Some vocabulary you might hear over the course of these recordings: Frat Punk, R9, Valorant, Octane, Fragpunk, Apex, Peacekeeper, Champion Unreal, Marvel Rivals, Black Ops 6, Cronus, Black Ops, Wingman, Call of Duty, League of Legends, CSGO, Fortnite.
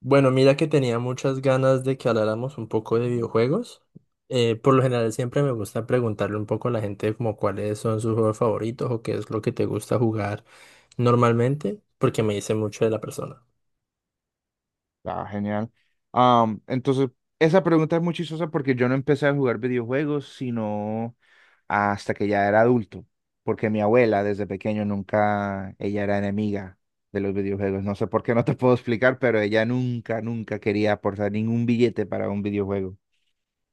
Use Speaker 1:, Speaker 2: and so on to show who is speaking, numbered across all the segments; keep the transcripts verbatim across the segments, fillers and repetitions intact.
Speaker 1: Bueno, mira que tenía muchas ganas de que habláramos un poco de videojuegos. Eh, por lo general siempre me gusta preguntarle un poco a la gente como cuáles son sus juegos favoritos o qué es lo que te gusta jugar normalmente, porque me dice mucho de la persona.
Speaker 2: Ah, genial. Am, entonces, esa pregunta es muy chistosa porque yo no empecé a jugar videojuegos sino hasta que ya era adulto, porque mi abuela desde pequeño nunca, ella era enemiga de los videojuegos. No sé por qué, no te puedo explicar, pero ella nunca, nunca quería aportar ningún billete para un videojuego.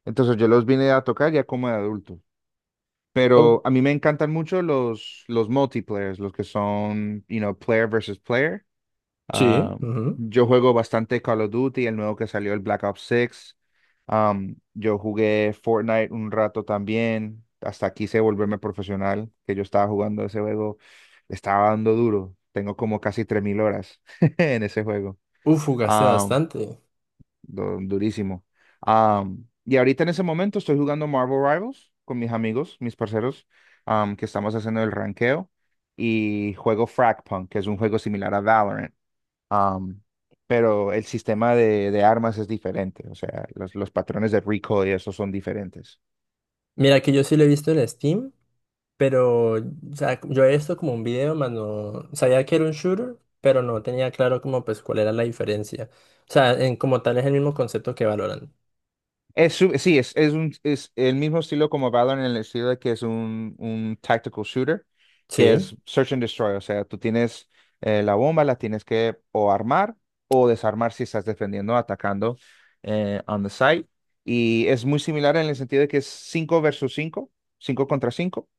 Speaker 2: Entonces yo los vine a tocar ya como de adulto.
Speaker 1: Oh,
Speaker 2: Pero a mí me encantan mucho los, los multiplayers, los que son, you know, player versus player.
Speaker 1: sí.
Speaker 2: Ah,
Speaker 1: Ujú.
Speaker 2: yo juego bastante Call of Duty, el nuevo que salió, el Black Ops six. Am, yo jugué Fortnite un rato también. Hasta quise volverme profesional, que yo estaba jugando ese juego. Le estaba dando duro. Tengo como casi tres mil horas en ese juego.
Speaker 1: Uf, jugaste
Speaker 2: Am,
Speaker 1: bastante.
Speaker 2: du- durísimo. Am, y ahorita en ese momento estoy jugando Marvel Rivals con mis amigos, mis parceros, am, que estamos haciendo el ranqueo. Y juego Fragpunk, que es un juego similar a Valorant. Am, pero el sistema de, de armas es diferente, o sea, los, los patrones de recoil y eso son diferentes.
Speaker 1: Mira que yo sí lo he visto en Steam, pero o sea, yo he visto como un video, más no sabía que era un shooter, pero no tenía claro como pues cuál era la diferencia. O sea, en como tal es el mismo concepto que Valorant.
Speaker 2: Es, su- sí, es, es, un, es el mismo estilo como Valorant en el estilo de que es un, un tactical shooter, que
Speaker 1: Sí,
Speaker 2: es search and destroy, o sea, tú tienes eh, la bomba, la tienes que o armar o desarmar si estás defendiendo, atacando eh, on the site. Y es muy similar en el sentido de que es cinco versus cinco, cinco contra cinco.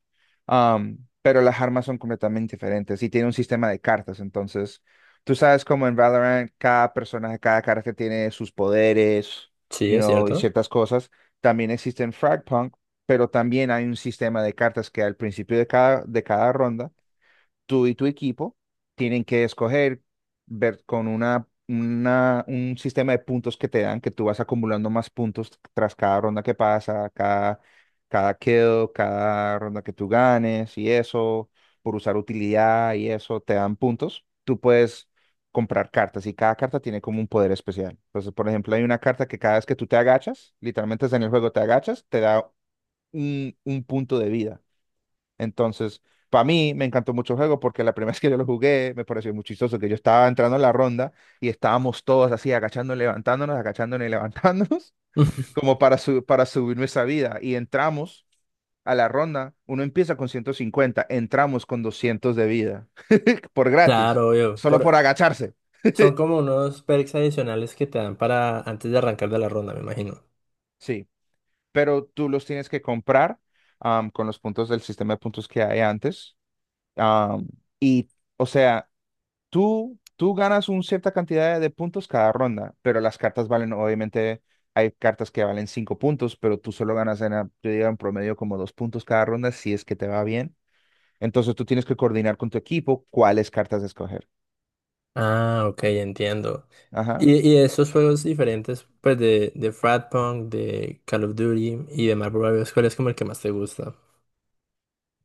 Speaker 2: Am, pero las armas son completamente diferentes y tiene un sistema de cartas. Entonces, tú sabes como en Valorant cada personaje, cada carta tiene sus poderes,
Speaker 1: sí,
Speaker 2: you
Speaker 1: es
Speaker 2: know, y
Speaker 1: cierto.
Speaker 2: ciertas cosas. También existe en Fragpunk, pero también hay un sistema de cartas que al principio de cada, de cada ronda tú y tu equipo tienen que escoger, ver con una, una- un sistema de puntos que te dan, que tú vas acumulando más puntos tras cada ronda que pasa, cada, cada kill, cada ronda que tú ganes y eso, por usar utilidad y eso, te dan puntos. Tú puedes comprar cartas y cada carta tiene como un poder especial. Entonces, por ejemplo, hay una carta que cada vez que tú te agachas, literalmente es en el juego, te agachas, te da un, un punto de vida. Entonces, para mí me encantó mucho el juego porque la primera vez que yo lo jugué me pareció muy chistoso que yo estaba entrando en la ronda y estábamos todos así agachándonos, levantándonos, agachándonos y levantándonos como para, su- para subir nuestra vida. Y entramos a la ronda, uno empieza con ciento cincuenta. Entramos con doscientos de vida por gratis,
Speaker 1: Claro, obvio. Por,
Speaker 2: solo por agacharse.
Speaker 1: son como unos perks adicionales que te dan para antes de arrancar de la ronda, me imagino.
Speaker 2: Sí, pero tú los tienes que comprar am, con los puntos del sistema de puntos que hay antes. Am, y, o sea, Tú, tú ganas una cierta cantidad de puntos cada ronda, pero las cartas valen, obviamente, hay cartas que valen cinco puntos, pero tú solo ganas en, a- yo digo, en promedio como dos puntos cada ronda si es que te va bien. Entonces tú tienes que coordinar con tu equipo cuáles cartas escoger.
Speaker 1: Ah, ok, entiendo.
Speaker 2: Ajá.
Speaker 1: Y, y esos juegos diferentes, pues de, de Frat Punk, de Call of Duty y de Marvel Rivals, ¿cuál es como el que más te gusta?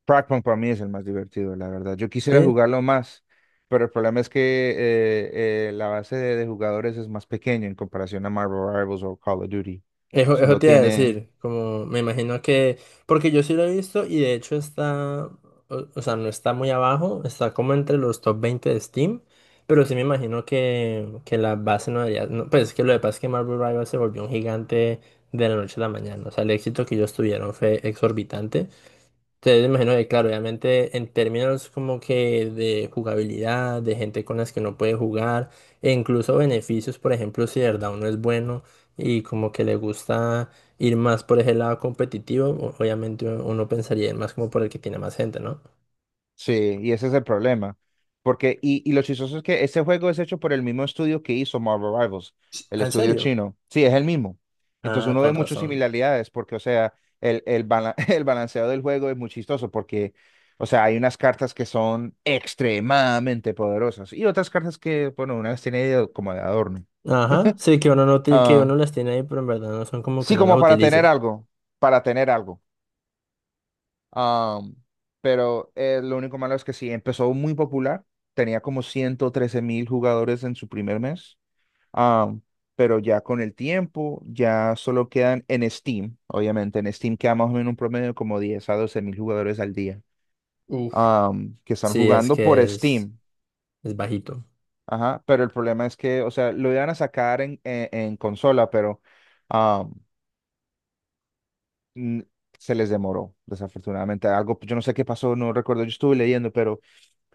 Speaker 2: Frogpunk para mí es el más divertido, la verdad. Yo quisiera
Speaker 1: Sí.
Speaker 2: jugarlo más, pero el problema es que eh, eh, la base de, de jugadores es más pequeña en comparación a Marvel Rivals o Call of Duty.
Speaker 1: Eso, eso
Speaker 2: Solo
Speaker 1: te iba a
Speaker 2: tiene...
Speaker 1: decir, como me imagino que, porque yo sí lo he visto y de hecho está, o, o sea, no está muy abajo, está como entre los top veinte de Steam, pero sí me imagino que, que la base no debería, no, pues es que lo que pasa es que Marvel Rivals se volvió un gigante de la noche a la mañana, o sea, el éxito que ellos tuvieron fue exorbitante, entonces, imagino que, claro, obviamente en términos como que de jugabilidad, de gente con las que uno puede jugar, e incluso beneficios, por ejemplo, si de verdad uno es bueno y como que le gusta ir más por ese lado competitivo, o- obviamente uno uno pensaría más como por el que tiene más gente, ¿no?
Speaker 2: Sí, y ese es el problema. Porque, y, y lo chistoso es que ese juego es hecho por el mismo estudio que hizo Marvel Rivals, el
Speaker 1: Ah, ¿en
Speaker 2: estudio
Speaker 1: serio?
Speaker 2: chino. Sí, es el mismo. Entonces
Speaker 1: Ah,
Speaker 2: uno ve
Speaker 1: con
Speaker 2: muchas
Speaker 1: razón.
Speaker 2: similaridades porque, o sea, el, el, bala- el balanceado del juego es muy chistoso porque, o sea, hay unas cartas que son extremadamente poderosas y otras cartas que, bueno, unas tiene como de adorno.
Speaker 1: Ajá, sí, que uno no ti- que
Speaker 2: Ah,
Speaker 1: uno las tiene ahí, pero en verdad no son como que
Speaker 2: sí,
Speaker 1: uno las
Speaker 2: como para tener
Speaker 1: utilice.
Speaker 2: algo, para tener algo. Am, pero eh, lo único malo es que sí, empezó muy popular, tenía como ciento trece mil jugadores en su primer mes. Am, pero ya con el tiempo ya solo quedan en Steam, obviamente en Steam queda más o menos un promedio de como diez a doce mil jugadores al día
Speaker 1: Uf.
Speaker 2: am, que están
Speaker 1: Sí, es
Speaker 2: jugando por
Speaker 1: que es,
Speaker 2: Steam.
Speaker 1: es bajito.
Speaker 2: Ajá, pero el problema es que, o sea, lo iban a sacar en, en- en consola, pero am, n- se les demoró, desafortunadamente. Algo, yo no sé qué pasó, no recuerdo, yo estuve leyendo, pero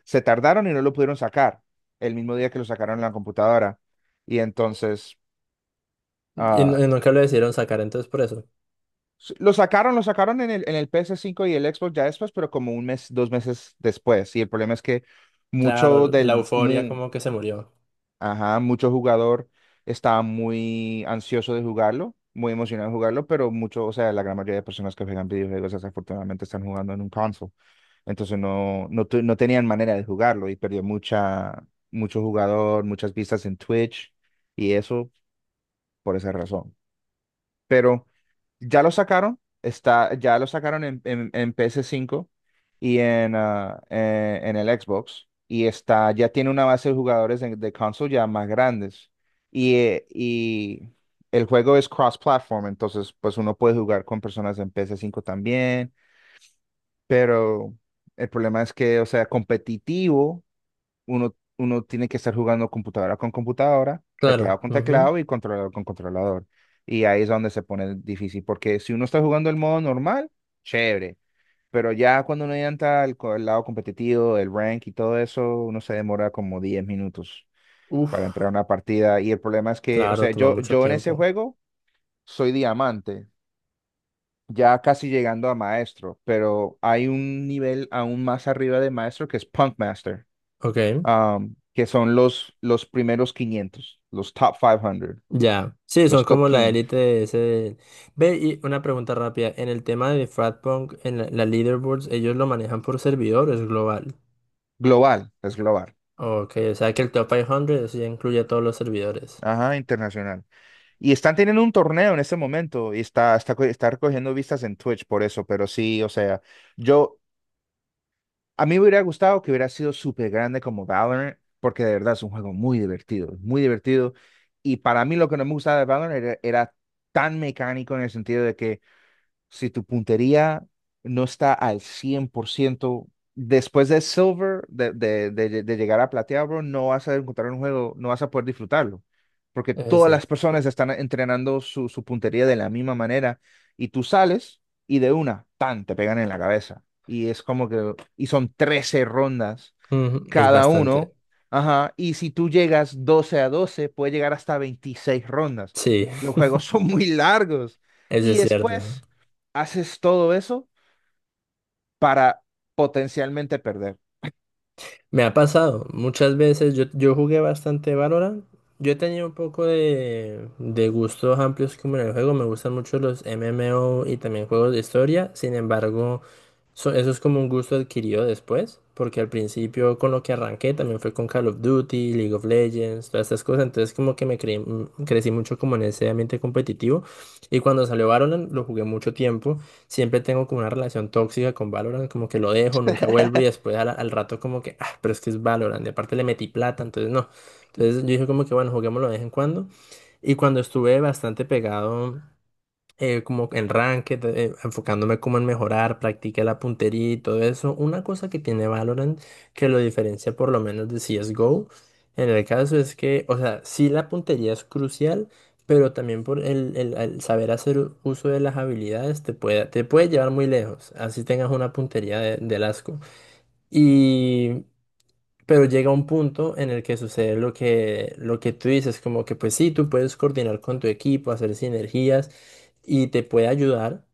Speaker 2: se tardaron y no lo pudieron sacar el mismo día que lo sacaron en la computadora. Y entonces,
Speaker 1: Y, n-
Speaker 2: ah,
Speaker 1: y nunca lo decidieron sacar, entonces por eso.
Speaker 2: lo sacaron, lo sacaron en el, en el ps cinco y el Xbox ya después, pero como un mes, dos meses después. Y el problema es que
Speaker 1: Claro,
Speaker 2: mucho
Speaker 1: la
Speaker 2: del,
Speaker 1: euforia
Speaker 2: mu-
Speaker 1: como que se murió.
Speaker 2: ajá, mucho jugador estaba muy ansioso de jugarlo, muy emocionado de jugarlo, pero mucho, o sea, la gran mayoría de personas que juegan videojuegos desafortunadamente están jugando en un console. Entonces no, no, tu- no tenían manera de jugarlo y perdió mucha, mucho jugador, muchas vistas en Twitch y eso por esa razón. Pero ya lo sacaron, está, ya lo sacaron en, en, en ps cinco y en, ah, eh, en el Xbox y está, ya tiene una base de jugadores de, de console ya más grandes. Y, eh, y el juego es cross-platform, entonces pues uno puede jugar con personas en ps cinco también, pero el problema es que, o sea, competitivo. uno, uno tiene que estar jugando computadora con computadora, teclado
Speaker 1: Claro.
Speaker 2: con teclado
Speaker 1: Ujú.
Speaker 2: y controlador con controlador. Y ahí es donde se pone difícil, porque si uno está jugando el modo normal, chévere, pero ya cuando uno entra al, co- al lado competitivo, el rank y todo eso, uno se demora como diez minutos
Speaker 1: Uf,
Speaker 2: para entrar a una partida. Y el problema es que, o
Speaker 1: claro,
Speaker 2: sea,
Speaker 1: toma
Speaker 2: yo,
Speaker 1: mucho
Speaker 2: yo en ese
Speaker 1: tiempo.
Speaker 2: juego soy diamante. Ya casi llegando a maestro, pero hay un nivel aún más arriba de maestro que es Punk Master,
Speaker 1: Ok,
Speaker 2: um, que son los, los primeros quinientos, los top quinientos,
Speaker 1: ya. Sí, son
Speaker 2: los top
Speaker 1: como la
Speaker 2: quince,
Speaker 1: élite de ese... Ve, y una pregunta rápida. En el tema de Fratpunk, en la, la leaderboards, ellos lo manejan por servidores global.
Speaker 2: global, es global,
Speaker 1: Ok, o sea que el top quinientos sí incluye a todos los servidores.
Speaker 2: ajá, internacional. Y están teniendo un torneo en este momento y está, está, está recogiendo vistas en Twitch por eso, pero sí, o sea, yo, a mí me hubiera gustado que hubiera sido súper grande como Valorant, porque de verdad es un juego muy divertido, muy divertido. Y para mí lo que no me gustaba de Valorant era, era tan mecánico en el sentido de que si tu puntería no está al cien por ciento después de Silver, de, de, de- de llegar a plateado, bro, no vas a encontrar un juego, no vas a poder disfrutarlo, porque
Speaker 1: Eso es
Speaker 2: todas las
Speaker 1: cierto.
Speaker 2: personas están entrenando su, su puntería de la misma manera y tú sales y de una, tan, te pegan en la cabeza. Y es como que, y son trece rondas
Speaker 1: Ujú, es
Speaker 2: cada
Speaker 1: bastante.
Speaker 2: uno. Ajá. Y si tú llegas doce a doce puede llegar hasta veintiséis rondas.
Speaker 1: Sí,
Speaker 2: Los juegos son muy largos.
Speaker 1: eso
Speaker 2: Y
Speaker 1: es cierto.
Speaker 2: después haces todo eso para potencialmente perder.
Speaker 1: Me ha pasado muchas veces, yo, yo jugué bastante Valorant, yo he tenido un poco de, de gustos amplios como en el juego, me gustan mucho los M M O y también juegos de historia, sin embargo, So- eso es como un gusto adquirido después, porque al principio con lo que arranqué también fue con Call of Duty, League of Legends, todas estas cosas, entonces como que me creí- mm, crecí mucho como en ese ambiente competitivo, y cuando salió Valorant lo jugué mucho tiempo, siempre tengo como una relación tóxica con Valorant, como que lo dejo, nunca vuelvo y después al, al rato como que, ah, pero es que es Valorant, y aparte le metí plata, entonces no, entonces yo dije como que bueno, juguémoslo de vez en cuando. Y cuando estuve bastante pegado eh, como en ranked, eh, enfocándome como en mejorar, practiqué la puntería y todo eso. Una cosa que tiene Valorant que lo diferencia por lo menos de C S G O, en el caso es que, o sea, sí la puntería es crucial, pero también por el, el- el saber hacer u- uso de las habilidades te puede, te puede llevar muy lejos, así tengas una puntería de, del asco. Pero llega un punto en el que sucede lo que, lo que tú dices, como que pues sí, tú puedes coordinar con tu equipo, hacer sinergias y te puede ayudar,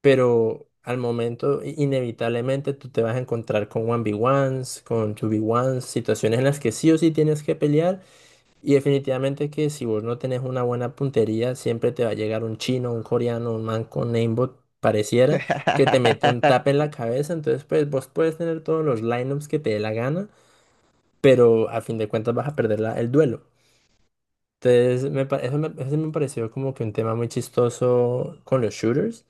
Speaker 1: pero al momento i- inevitablemente tú te vas a encontrar con uno v ones, con dos v ones, situaciones en las que sí o sí tienes que pelear y definitivamente que si vos no tenés una buena puntería, siempre te va a llegar un chino, un coreano, un man con aimbot, pareciera, que te mete un tap en la cabeza, entonces pues vos puedes tener todos los lineups que te dé la gana, pero a fin de cuentas vas a perder la- el duelo. Entonces, me, pa- eso me, eso sí me pareció como que un tema muy chistoso con los shooters.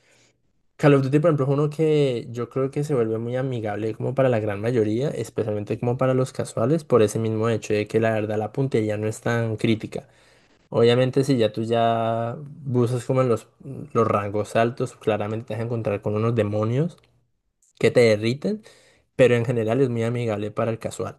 Speaker 1: Call of Duty, por ejemplo, es uno que yo creo que se vuelve muy amigable como para la gran mayoría, especialmente como para los casuales, por ese mismo hecho de que la verdad la puntería no es tan crítica. Obviamente, si ya tú ya buscas como en los, los rangos altos, claramente te vas a encontrar con unos demonios que te derriten, pero en general es muy amigable para el casual.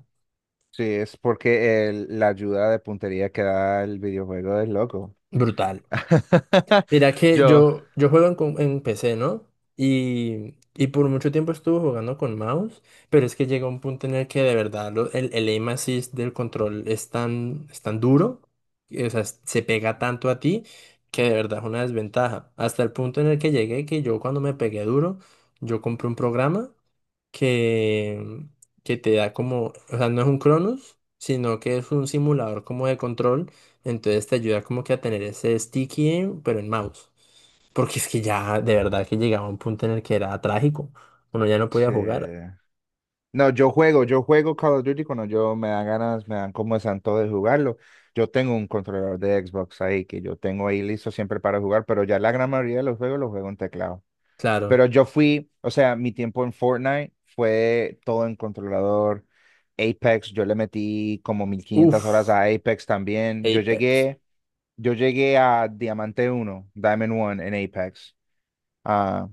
Speaker 2: Sí, es porque el- la ayuda de puntería que da el videojuego es loco.
Speaker 1: Brutal. Mira que
Speaker 2: Yo.
Speaker 1: yo, yo juego en, com- en P C, ¿no? Y, y por mucho tiempo estuve jugando con mouse, pero es que llega un punto en el que de verdad lo- el, el aim assist del control es tan, es tan duro, y, o sea, es- se pega tanto a ti que de verdad es una desventaja. Hasta el punto en el que llegué que yo cuando me pegué duro, yo compré un programa que, que te da como, o sea, no es un Cronus, sino que es un simulador como de control, entonces te ayuda como que a tener ese sticky, pero en mouse. Porque es que ya de verdad que llegaba un punto en el que era trágico. Uno ya no podía
Speaker 2: Sí.
Speaker 1: jugar.
Speaker 2: No, yo juego, yo juego Call of Duty cuando yo me dan ganas, me dan como santo de jugarlo. Yo tengo un controlador de Xbox ahí que yo tengo ahí listo siempre para jugar, pero ya la gran mayoría de los juegos los juego en teclado. Pero
Speaker 1: Claro.
Speaker 2: yo fui, o sea, mi tiempo en Fortnite fue todo en controlador. Apex, yo le metí como mil quinientas horas
Speaker 1: Uf,
Speaker 2: a Apex también. Yo
Speaker 1: Apex.
Speaker 2: llegué, yo llegué a Diamante uno, Diamond one en Apex. Ah,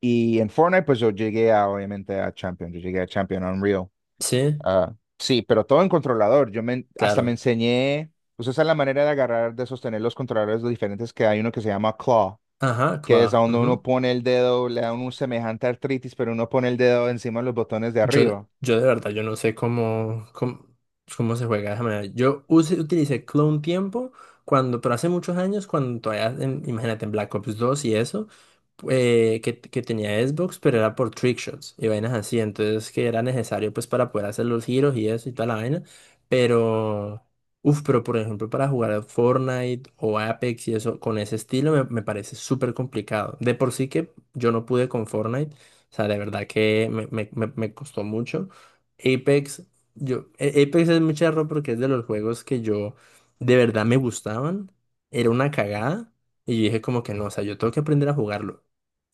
Speaker 2: y en Fortnite, pues yo llegué a, obviamente, a Champion. Yo llegué a Champion Unreal.
Speaker 1: Sí,
Speaker 2: Ah, sí, pero todo en controlador. Yo me, hasta me
Speaker 1: claro.
Speaker 2: enseñé, pues esa es la manera de agarrar, de sostener los controladores diferentes que hay uno que se llama claw,
Speaker 1: Ajá,
Speaker 2: que es a
Speaker 1: claro.
Speaker 2: donde uno pone el dedo, le da un semejante artritis, pero uno pone el dedo encima de los botones de
Speaker 1: Yo,
Speaker 2: arriba.
Speaker 1: yo de verdad, yo no sé cómo, cómo, cómo se juega de esa manera. Yo use- utilicé Clone Tiempo cuando, pero hace muchos años, cuando todavía, en- imagínate, en Black Ops dos y eso, eh, que, que tenía Xbox, pero era por trickshots y vainas así, entonces que era necesario pues para poder hacer los giros y eso y toda la vaina, pero, uff, pero por ejemplo para jugar a Fortnite o Apex y eso, con ese estilo me, me parece súper complicado. De por sí que yo no pude con Fortnite, o sea, de verdad que me, me- me- me costó mucho. Apex, yo, A- Apex es muy charro porque es de los juegos que yo de verdad me gustaban. Era una cagada. Y yo dije como que no, o sea, yo tengo que aprender a jugarlo.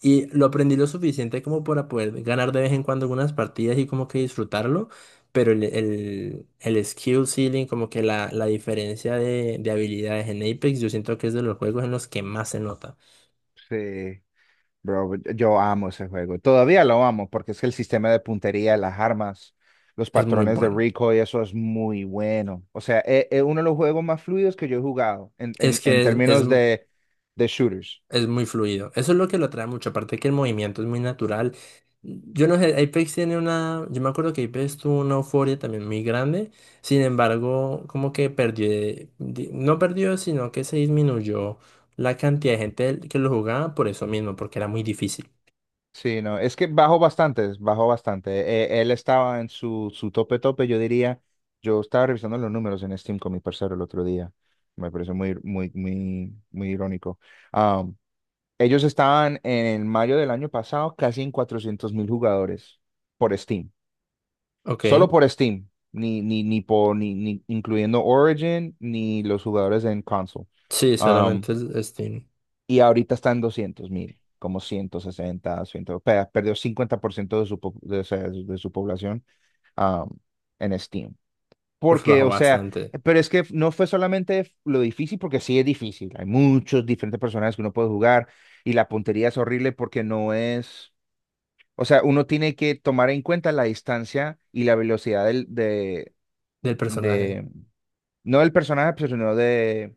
Speaker 1: Y lo aprendí lo suficiente como para poder ganar de vez en cuando algunas partidas y como que disfrutarlo. Pero el, el, el skill ceiling, como que la, la diferencia de, de habilidades en Apex, yo siento que es de los juegos en los que más se nota.
Speaker 2: Sí, bro, yo amo ese juego. Todavía lo amo porque es que el sistema de puntería, las armas, los
Speaker 1: Es muy
Speaker 2: patrones de
Speaker 1: bueno.
Speaker 2: recoil, eso es muy bueno. O sea, es, es uno de los juegos más fluidos que yo he jugado en, en,
Speaker 1: Es
Speaker 2: en
Speaker 1: que es,
Speaker 2: términos de, de shooters.
Speaker 1: Es muy fluido. Eso es lo que lo atrae mucho. Aparte que el movimiento es muy natural. Yo no sé, Apex tiene una. Yo me acuerdo que Apex tuvo una euforia también muy grande. Sin embargo, como que perdió. de- di- No perdió, sino que se disminuyó la cantidad de gente que lo jugaba por eso mismo, porque era muy difícil.
Speaker 2: Sí, no, es que bajó bastante, bajó bastante. Eh, él estaba en su, su tope tope, yo diría. Yo estaba revisando los números en Steam con mi parcero el otro día. Me pareció muy, muy, muy, muy irónico. Am, ellos estaban en mayo del año pasado casi en cuatrocientos mil jugadores por Steam.
Speaker 1: Ok.
Speaker 2: Solo por Steam, ni, ni, ni, por, ni, ni incluyendo Origin ni los jugadores en console.
Speaker 1: Sí,
Speaker 2: Ah,
Speaker 1: solamente el Steam.
Speaker 2: y ahorita está en doscientos mil, como ciento sesenta, cien, pe- perdió cincuenta por ciento de su, po- de, o sea, de su población um, en Steam.
Speaker 1: Uf,
Speaker 2: Porque,
Speaker 1: bajó
Speaker 2: o sea,
Speaker 1: bastante.
Speaker 2: pero es que no fue solamente lo difícil, porque sí es difícil, hay muchos diferentes personajes que uno puede jugar y la puntería es horrible porque no es, o sea, uno tiene que tomar en cuenta la distancia y la velocidad del, de,
Speaker 1: Del personaje.
Speaker 2: de, no del personaje, pero sino de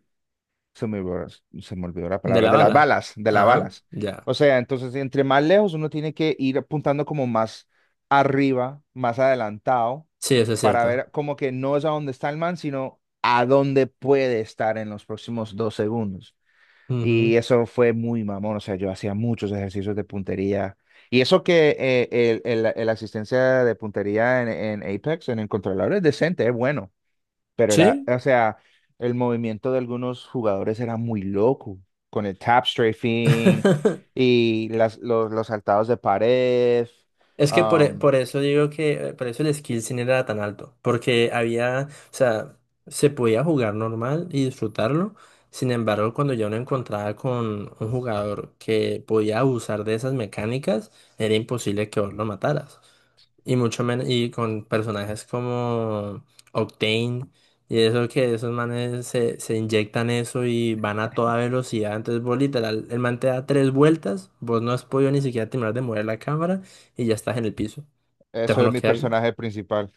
Speaker 2: se me olvidó, se me olvidó la
Speaker 1: De
Speaker 2: palabra,
Speaker 1: la
Speaker 2: de las
Speaker 1: bala.
Speaker 2: balas, de las
Speaker 1: Ajá.
Speaker 2: balas.
Speaker 1: Ya.
Speaker 2: O sea, entonces, entre más lejos uno tiene que ir apuntando como más arriba, más adelantado,
Speaker 1: Sí, eso es
Speaker 2: para
Speaker 1: cierto.
Speaker 2: ver como que no es a dónde está el man, sino a dónde puede estar en los próximos dos segundos.
Speaker 1: Ujú.
Speaker 2: Y eso fue muy mamón, o sea, yo hacía muchos ejercicios de puntería. Y eso que eh, el, el- la la asistencia de puntería en, en Apex, en el controlador, es decente, es bueno. Pero era,
Speaker 1: Sí.
Speaker 2: o sea, el movimiento de algunos jugadores era muy loco, con el tap strafing y las, los, los saltados de pared.
Speaker 1: Es que por, e-
Speaker 2: um,
Speaker 1: por eso digo que, eh, por eso el skill sin era tan alto, porque había, o sea, se podía jugar normal y disfrutarlo, sin embargo, cuando yo no encontraba con un jugador que podía abusar de esas mecánicas, era imposible que vos lo mataras. Y mucho menos, y con personajes como Octane y eso que esos manes se, se inyectan eso y van a toda velocidad. Entonces vos literal, el man te da tres vueltas, vos no has podido ni siquiera terminar de mover la cámara y ya estás en el piso.
Speaker 2: Eso
Speaker 1: Entonces
Speaker 2: era
Speaker 1: uno
Speaker 2: mi
Speaker 1: queda,
Speaker 2: personaje principal.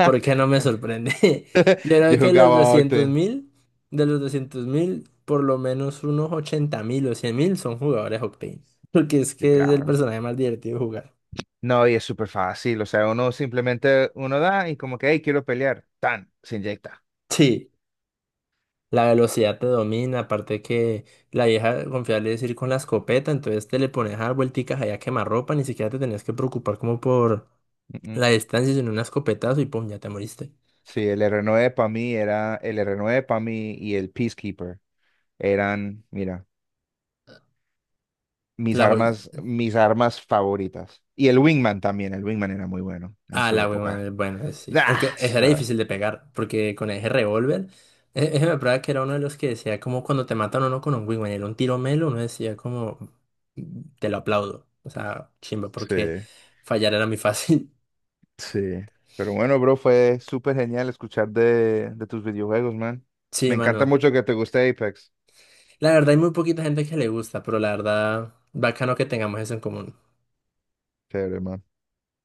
Speaker 1: ¿por qué no me sorprende? Yo
Speaker 2: Yo
Speaker 1: creo que los
Speaker 2: jugaba
Speaker 1: doscientos
Speaker 2: Octane.
Speaker 1: mil, de los doscientos mil, por lo menos unos ochenta mil o cien mil son jugadores Octane. Porque es
Speaker 2: Y
Speaker 1: que es el
Speaker 2: claro.
Speaker 1: personaje más divertido de jugar.
Speaker 2: No, y es súper fácil. O sea, uno simplemente, uno da y como que, hey, quiero pelear. Tan, se inyecta.
Speaker 1: Sí. La velocidad te domina, aparte que la vieja confiable es ir con la escopeta, entonces te le pones a dar vuelticas allá a quemarropa, ni siquiera te tenías que preocupar como por
Speaker 2: Mm, mm.
Speaker 1: la distancia, sino un escopetazo y pum, ya te moriste.
Speaker 2: Sí, el R nueve para mí era, el R nueve para mí y el Peacekeeper eran, mira. Mis
Speaker 1: La joy-
Speaker 2: armas, mis armas favoritas. Y el Wingman también, el Wingman era muy bueno en
Speaker 1: Ah,
Speaker 2: su
Speaker 1: la
Speaker 2: época.
Speaker 1: huevona, bueno, sí. Aunque
Speaker 2: ¡Das!
Speaker 1: esa era
Speaker 2: Ah,
Speaker 1: difícil de pegar, porque con ese revólver, e- ese me prueba que era uno de los que decía como cuando te matan a uno con un wingman, era un tiro melo, uno decía como, "Mm, te lo aplaudo. O sea, chimba,
Speaker 2: sí,
Speaker 1: porque fallar era muy fácil."
Speaker 2: sí. Pero bueno, bro, fue súper genial escuchar de, de tus videojuegos, man.
Speaker 1: Sí,
Speaker 2: Me encanta
Speaker 1: mano.
Speaker 2: mucho que te guste Apex.
Speaker 1: La verdad hay muy poquita gente que le gusta, pero la verdad, bacano que tengamos eso en común.
Speaker 2: Chévere, man.